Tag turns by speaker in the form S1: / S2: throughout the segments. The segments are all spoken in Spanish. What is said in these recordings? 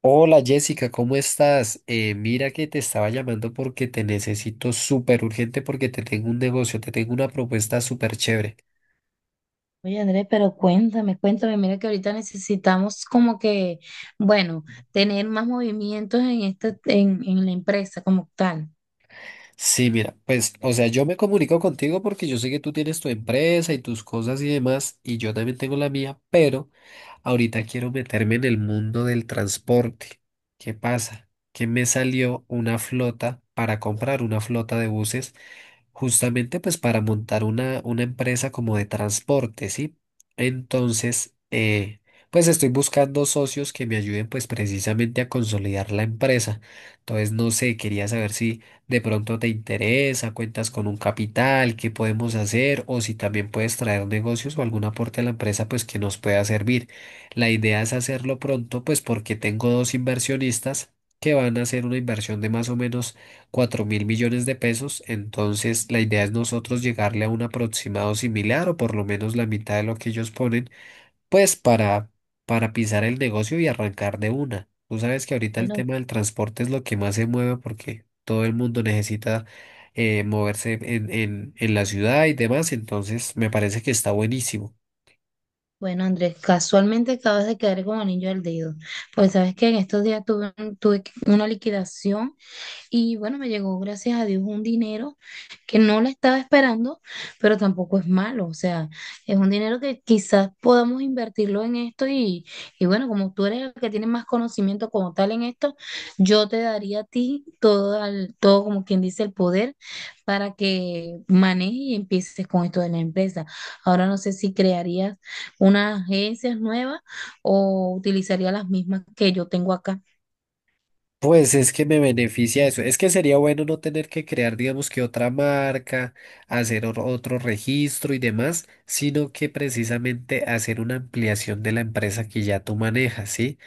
S1: Hola Jessica, ¿cómo estás? Mira que te estaba llamando porque te necesito súper urgente porque te tengo un negocio, te tengo una propuesta súper chévere.
S2: Oye, Andrés, pero cuéntame, mira que ahorita necesitamos como que, bueno, tener más movimientos en la empresa como tal.
S1: Sí, mira, pues, o sea, yo me comunico contigo porque yo sé que tú tienes tu empresa y tus cosas y demás, y yo también tengo la mía, pero ahorita quiero meterme en el mundo del transporte. ¿Qué pasa? Que me salió una flota para comprar una flota de buses, justamente pues para montar una empresa como de transporte, ¿sí? Entonces, pues estoy buscando socios que me ayuden pues precisamente a consolidar la empresa. Entonces, no sé, quería saber si de pronto te interesa, cuentas con un capital, qué podemos hacer, o si también puedes traer negocios o algún aporte a la empresa, pues que nos pueda servir. La idea es hacerlo pronto, pues porque tengo dos inversionistas que van a hacer una inversión de más o menos 4.000 millones de pesos, entonces la idea es nosotros llegarle a un aproximado similar o por lo menos la mitad de lo que ellos ponen pues para pisar el negocio y arrancar de una. Tú sabes que ahorita el
S2: Bueno,
S1: tema del transporte es lo que más se mueve porque todo el mundo necesita moverse en la ciudad y demás, entonces me parece que está buenísimo.
S2: bueno, Andrés, casualmente acabas de quedar como anillo al dedo. Pues sabes que en estos días tuve, un- tuve que- una liquidación y bueno, me llegó gracias a Dios un dinero que no la estaba esperando, pero tampoco es malo. O sea, es un dinero que quizás podamos invertirlo en esto y bueno, como tú eres el que tiene más conocimiento como tal en esto, yo te daría a ti todo como quien dice el poder para que manejes y empieces con esto de la empresa. Ahora no sé si crearías unas agencias nuevas o utilizarías las mismas que yo tengo acá.
S1: Pues es que me beneficia eso. Es que sería bueno no tener que crear, digamos que otra marca, hacer otro registro y demás, sino que precisamente hacer una ampliación de la empresa que ya tú manejas, ¿sí?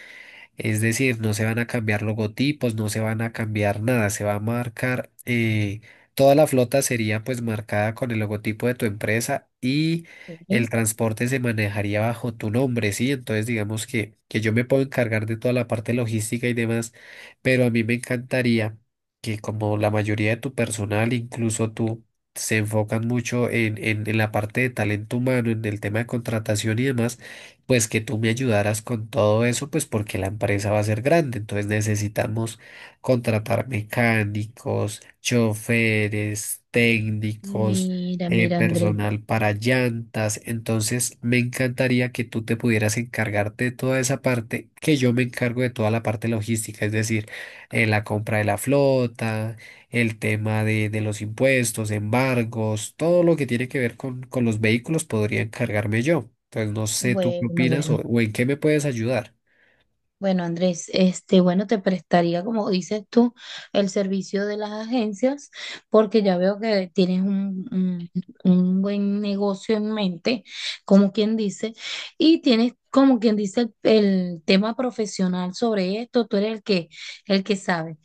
S1: Es decir, no se van a cambiar logotipos, no se van a cambiar nada, se va a marcar, toda la flota sería pues marcada con el logotipo de tu empresa y el
S2: Ok.
S1: transporte se manejaría bajo tu nombre, ¿sí? Entonces digamos que yo me puedo encargar de toda la parte logística y demás, pero a mí me encantaría que como la mayoría de tu personal, incluso tú, se enfocan mucho en, en la parte de talento humano, en el tema de contratación y demás pues que tú me ayudaras con todo eso, pues porque la empresa va a ser grande, entonces necesitamos contratar mecánicos, choferes, técnicos,
S2: Mira, mira, Andrés.
S1: personal para llantas, entonces me encantaría que tú te pudieras encargarte de toda esa parte, que yo me encargo de toda la parte logística, es decir, la compra de la flota, el tema de los impuestos, embargos, todo lo que tiene que ver con los vehículos podría encargarme yo. Entonces, no sé tú qué
S2: Bueno,
S1: opinas o,
S2: bueno.
S1: o en qué me puedes ayudar.
S2: Bueno, Andrés, bueno, te prestaría, como dices tú, el servicio de las agencias, porque ya veo que tienes un buen negocio en mente, como quien dice, y tienes, como quien dice, el tema profesional sobre esto, tú eres el que sabe.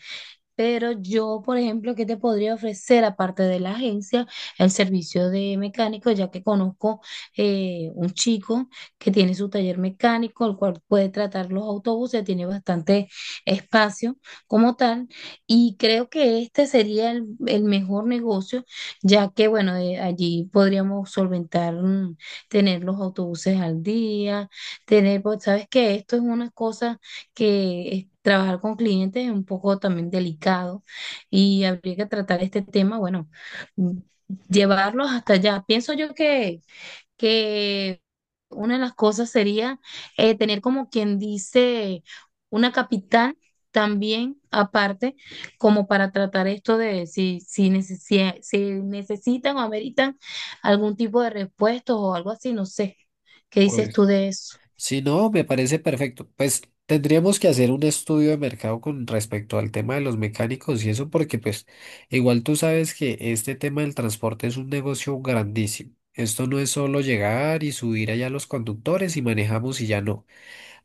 S2: Pero yo, por ejemplo, ¿qué te podría ofrecer aparte de la agencia, el servicio de mecánico, ya que conozco un chico que tiene su taller mecánico, el cual puede tratar los autobuses, tiene bastante espacio como tal, y creo que este sería el mejor negocio, ya que, bueno, allí podríamos solventar, tener los autobuses al día, tener, pues, sabes que esto es una cosa que trabajar con clientes es un poco también delicado y habría que tratar este tema, bueno, mm, llevarlos hasta allá. Pienso yo que una de las cosas sería tener como quien dice una capital también aparte como para tratar esto de si necesitan o ameritan algún tipo de repuestos o algo así, no sé. ¿Qué dices tú
S1: Pues,
S2: de eso?
S1: si no, me parece perfecto. Pues tendríamos que hacer un estudio de mercado con respecto al tema de los mecánicos y eso porque pues igual tú sabes que este tema del transporte es un negocio grandísimo. Esto no es solo llegar y subir allá los conductores y manejamos y ya no,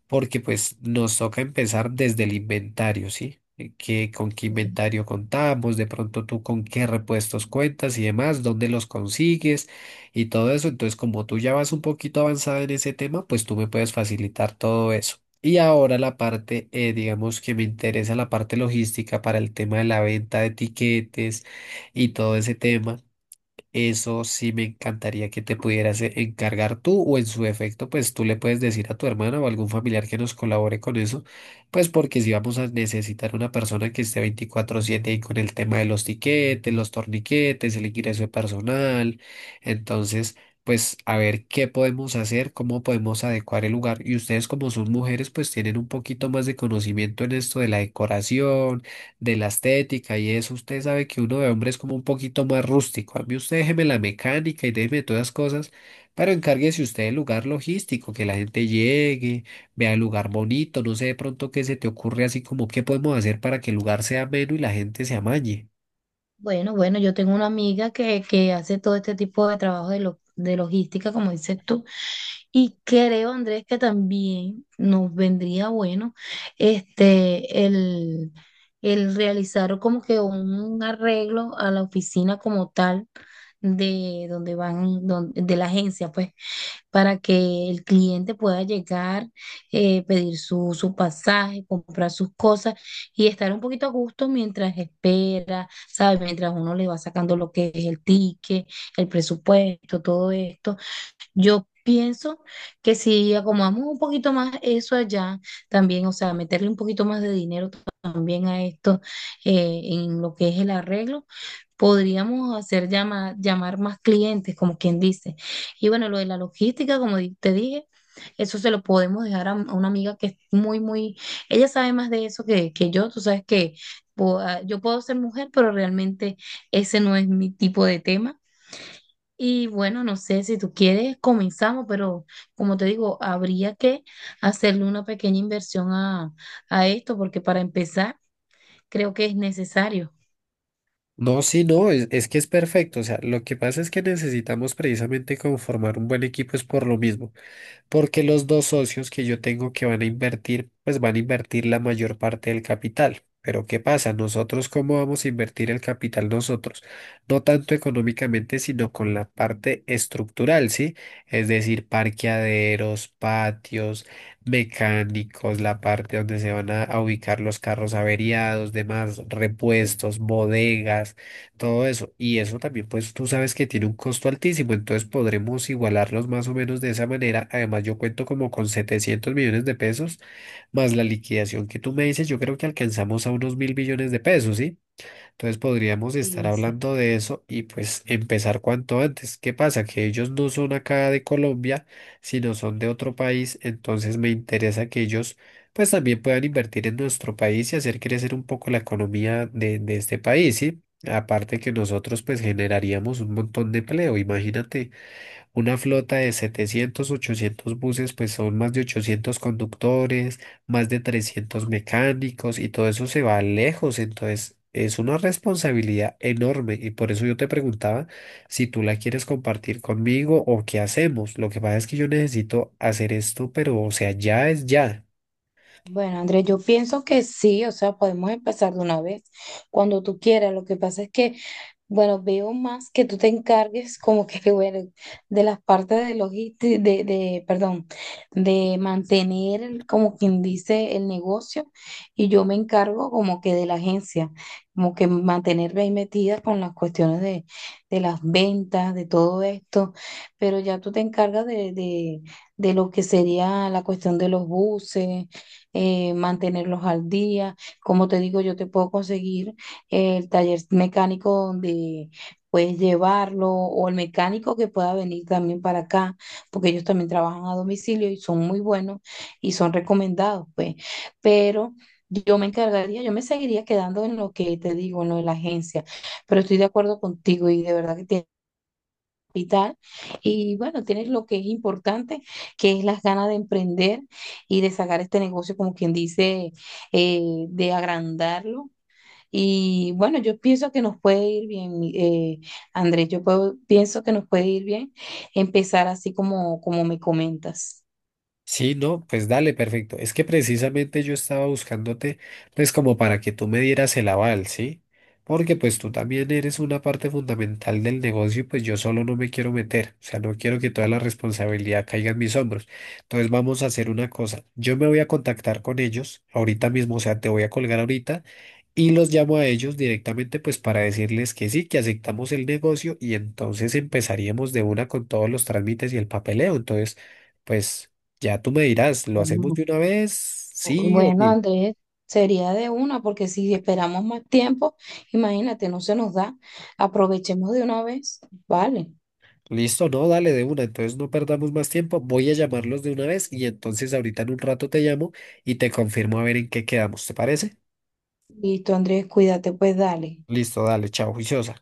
S1: porque pues nos toca empezar desde el inventario, ¿sí? ¿Con qué inventario contamos? De pronto tú con qué repuestos cuentas y demás, dónde los consigues y todo eso. Entonces, como tú ya vas un poquito avanzada en ese tema, pues tú me puedes facilitar todo eso. Y ahora la parte, digamos que me interesa la parte logística para el tema de la venta de etiquetes y todo ese tema. Eso sí me encantaría que te pudieras encargar tú o en su defecto, pues tú le puedes decir a tu hermana o algún familiar que nos colabore con eso, pues porque si vamos a necesitar una persona que esté 24/7 ahí con el tema de los tiquetes, los torniquetes, el ingreso de personal, entonces, pues a ver qué podemos hacer, cómo podemos adecuar el lugar y ustedes como son mujeres, pues tienen un poquito más de conocimiento en esto de la decoración, de la estética y eso, usted sabe que uno de hombre es como un poquito más rústico. A mí usted déjeme la mecánica y déjeme todas las cosas, pero encárguese usted del lugar logístico, que la gente llegue, vea el lugar bonito, no sé de pronto qué se te ocurre así como qué podemos hacer para que el lugar sea ameno y la gente se amañe.
S2: Bueno, bueno, yo tengo una amiga que hace todo este tipo de trabajo de logística, como dices tú, y creo, Andrés, que también nos vendría bueno este el, el realizar como que un arreglo a la oficina como tal de de la agencia, pues para que el cliente pueda llegar, pedir su pasaje, comprar sus cosas y estar un poquito a gusto mientras espera, ¿sabes? Mientras uno le va sacando lo que es el ticket, el presupuesto, todo esto yo pienso que si acomodamos un poquito más eso allá, también, o sea, meterle un poquito más de dinero también a esto en lo que es el arreglo, podríamos hacer llamar más clientes, como quien dice. Y bueno, lo de la logística, como te dije, eso se lo podemos dejar a una amiga que es muy, muy, ella sabe más de eso que yo, tú sabes que yo puedo ser mujer, pero realmente ese no es mi tipo de tema. Y bueno, no sé si tú quieres, comenzamos, pero como te digo, habría que hacerle una pequeña inversión a esto, porque para empezar creo que es necesario.
S1: No, sí, no, es que es perfecto. O sea, lo que pasa es que necesitamos precisamente conformar un buen equipo es por lo mismo, porque los dos socios que yo tengo que van a invertir, pues van a invertir la mayor parte del capital. Pero ¿qué pasa? Nosotros, ¿cómo vamos a invertir el capital nosotros? No tanto económicamente, sino con la parte estructural, ¿sí? Es decir, parqueaderos, patios, mecánicos, la parte donde se van a ubicar los carros averiados, demás, repuestos, bodegas, todo eso. Y eso también, pues tú sabes que tiene un costo altísimo, entonces podremos igualarlos más o menos de esa manera. Además, yo cuento como con 700 millones de pesos, más la liquidación que tú me dices, yo creo que alcanzamos a unos 1.000 millones de pesos, ¿sí? Entonces podríamos estar
S2: Sí, sí.
S1: hablando de eso y pues empezar cuanto antes. ¿Qué pasa? Que ellos no son acá de Colombia, sino son de otro país, entonces me interesa que ellos pues también puedan invertir en nuestro país y hacer crecer un poco la economía de este país, ¿sí? Aparte que nosotros pues generaríamos un montón de empleo, imagínate. Una flota de 700, 800 buses, pues son más de 800 conductores, más de 300 mecánicos y todo eso se va lejos. Entonces, es una responsabilidad enorme y por eso yo te preguntaba si tú la quieres compartir conmigo o qué hacemos. Lo que pasa es que yo necesito hacer esto, pero o sea, ya es ya.
S2: Bueno, Andrés, yo pienso que sí, o sea, podemos empezar de una vez, cuando tú quieras. Lo que pasa es que, bueno, veo más que tú te encargues como que, bueno, de las partes de logística, perdón, de mantener, como quien dice, el negocio y yo me encargo como que de la agencia, como que mantenerme ahí metida con las cuestiones de las ventas, de todo esto, pero ya tú te encargas de lo que sería la cuestión de los buses mantenerlos al día. Como te digo, yo te puedo conseguir el taller mecánico donde puedes llevarlo o el mecánico que pueda venir también para acá, porque ellos también trabajan a domicilio y son muy buenos y son recomendados, pues. Pero yo me encargaría, yo me seguiría quedando en lo que te digo, en lo de la agencia, pero estoy de acuerdo contigo y de verdad que tienes hospital. Y bueno, tienes lo que es importante, que es las ganas de emprender y de sacar este negocio, como quien dice, eh, de agrandarlo. Y bueno, yo pienso que nos puede ir bien, Andrés, pienso que nos puede ir bien empezar así como me comentas.
S1: Sí, no, pues dale, perfecto. Es que precisamente yo estaba buscándote, pues como para que tú me dieras el aval, ¿sí? Porque pues tú también eres una parte fundamental del negocio y pues yo solo no me quiero meter, o sea, no quiero que toda la responsabilidad caiga en mis hombros. Entonces vamos a hacer una cosa, yo me voy a contactar con ellos ahorita mismo, o sea, te voy a colgar ahorita y los llamo a ellos directamente pues para decirles que sí, que aceptamos el negocio y entonces empezaríamos de una con todos los trámites y el papeleo. Entonces, pues. Ya tú me dirás, ¿lo hacemos
S2: Bueno,
S1: de una vez? Sí o
S2: Bueno,
S1: sí.
S2: Andrés, sería de una, porque si esperamos más tiempo, imagínate, no se nos da. Aprovechemos de una vez. Vale.
S1: Listo, no, dale de una, entonces no perdamos más tiempo, voy a llamarlos de una vez y entonces ahorita en un rato te llamo y te confirmo a ver en qué quedamos, ¿te parece?
S2: Listo, Andrés, cuídate, pues dale.
S1: Listo, dale, chao, juiciosa.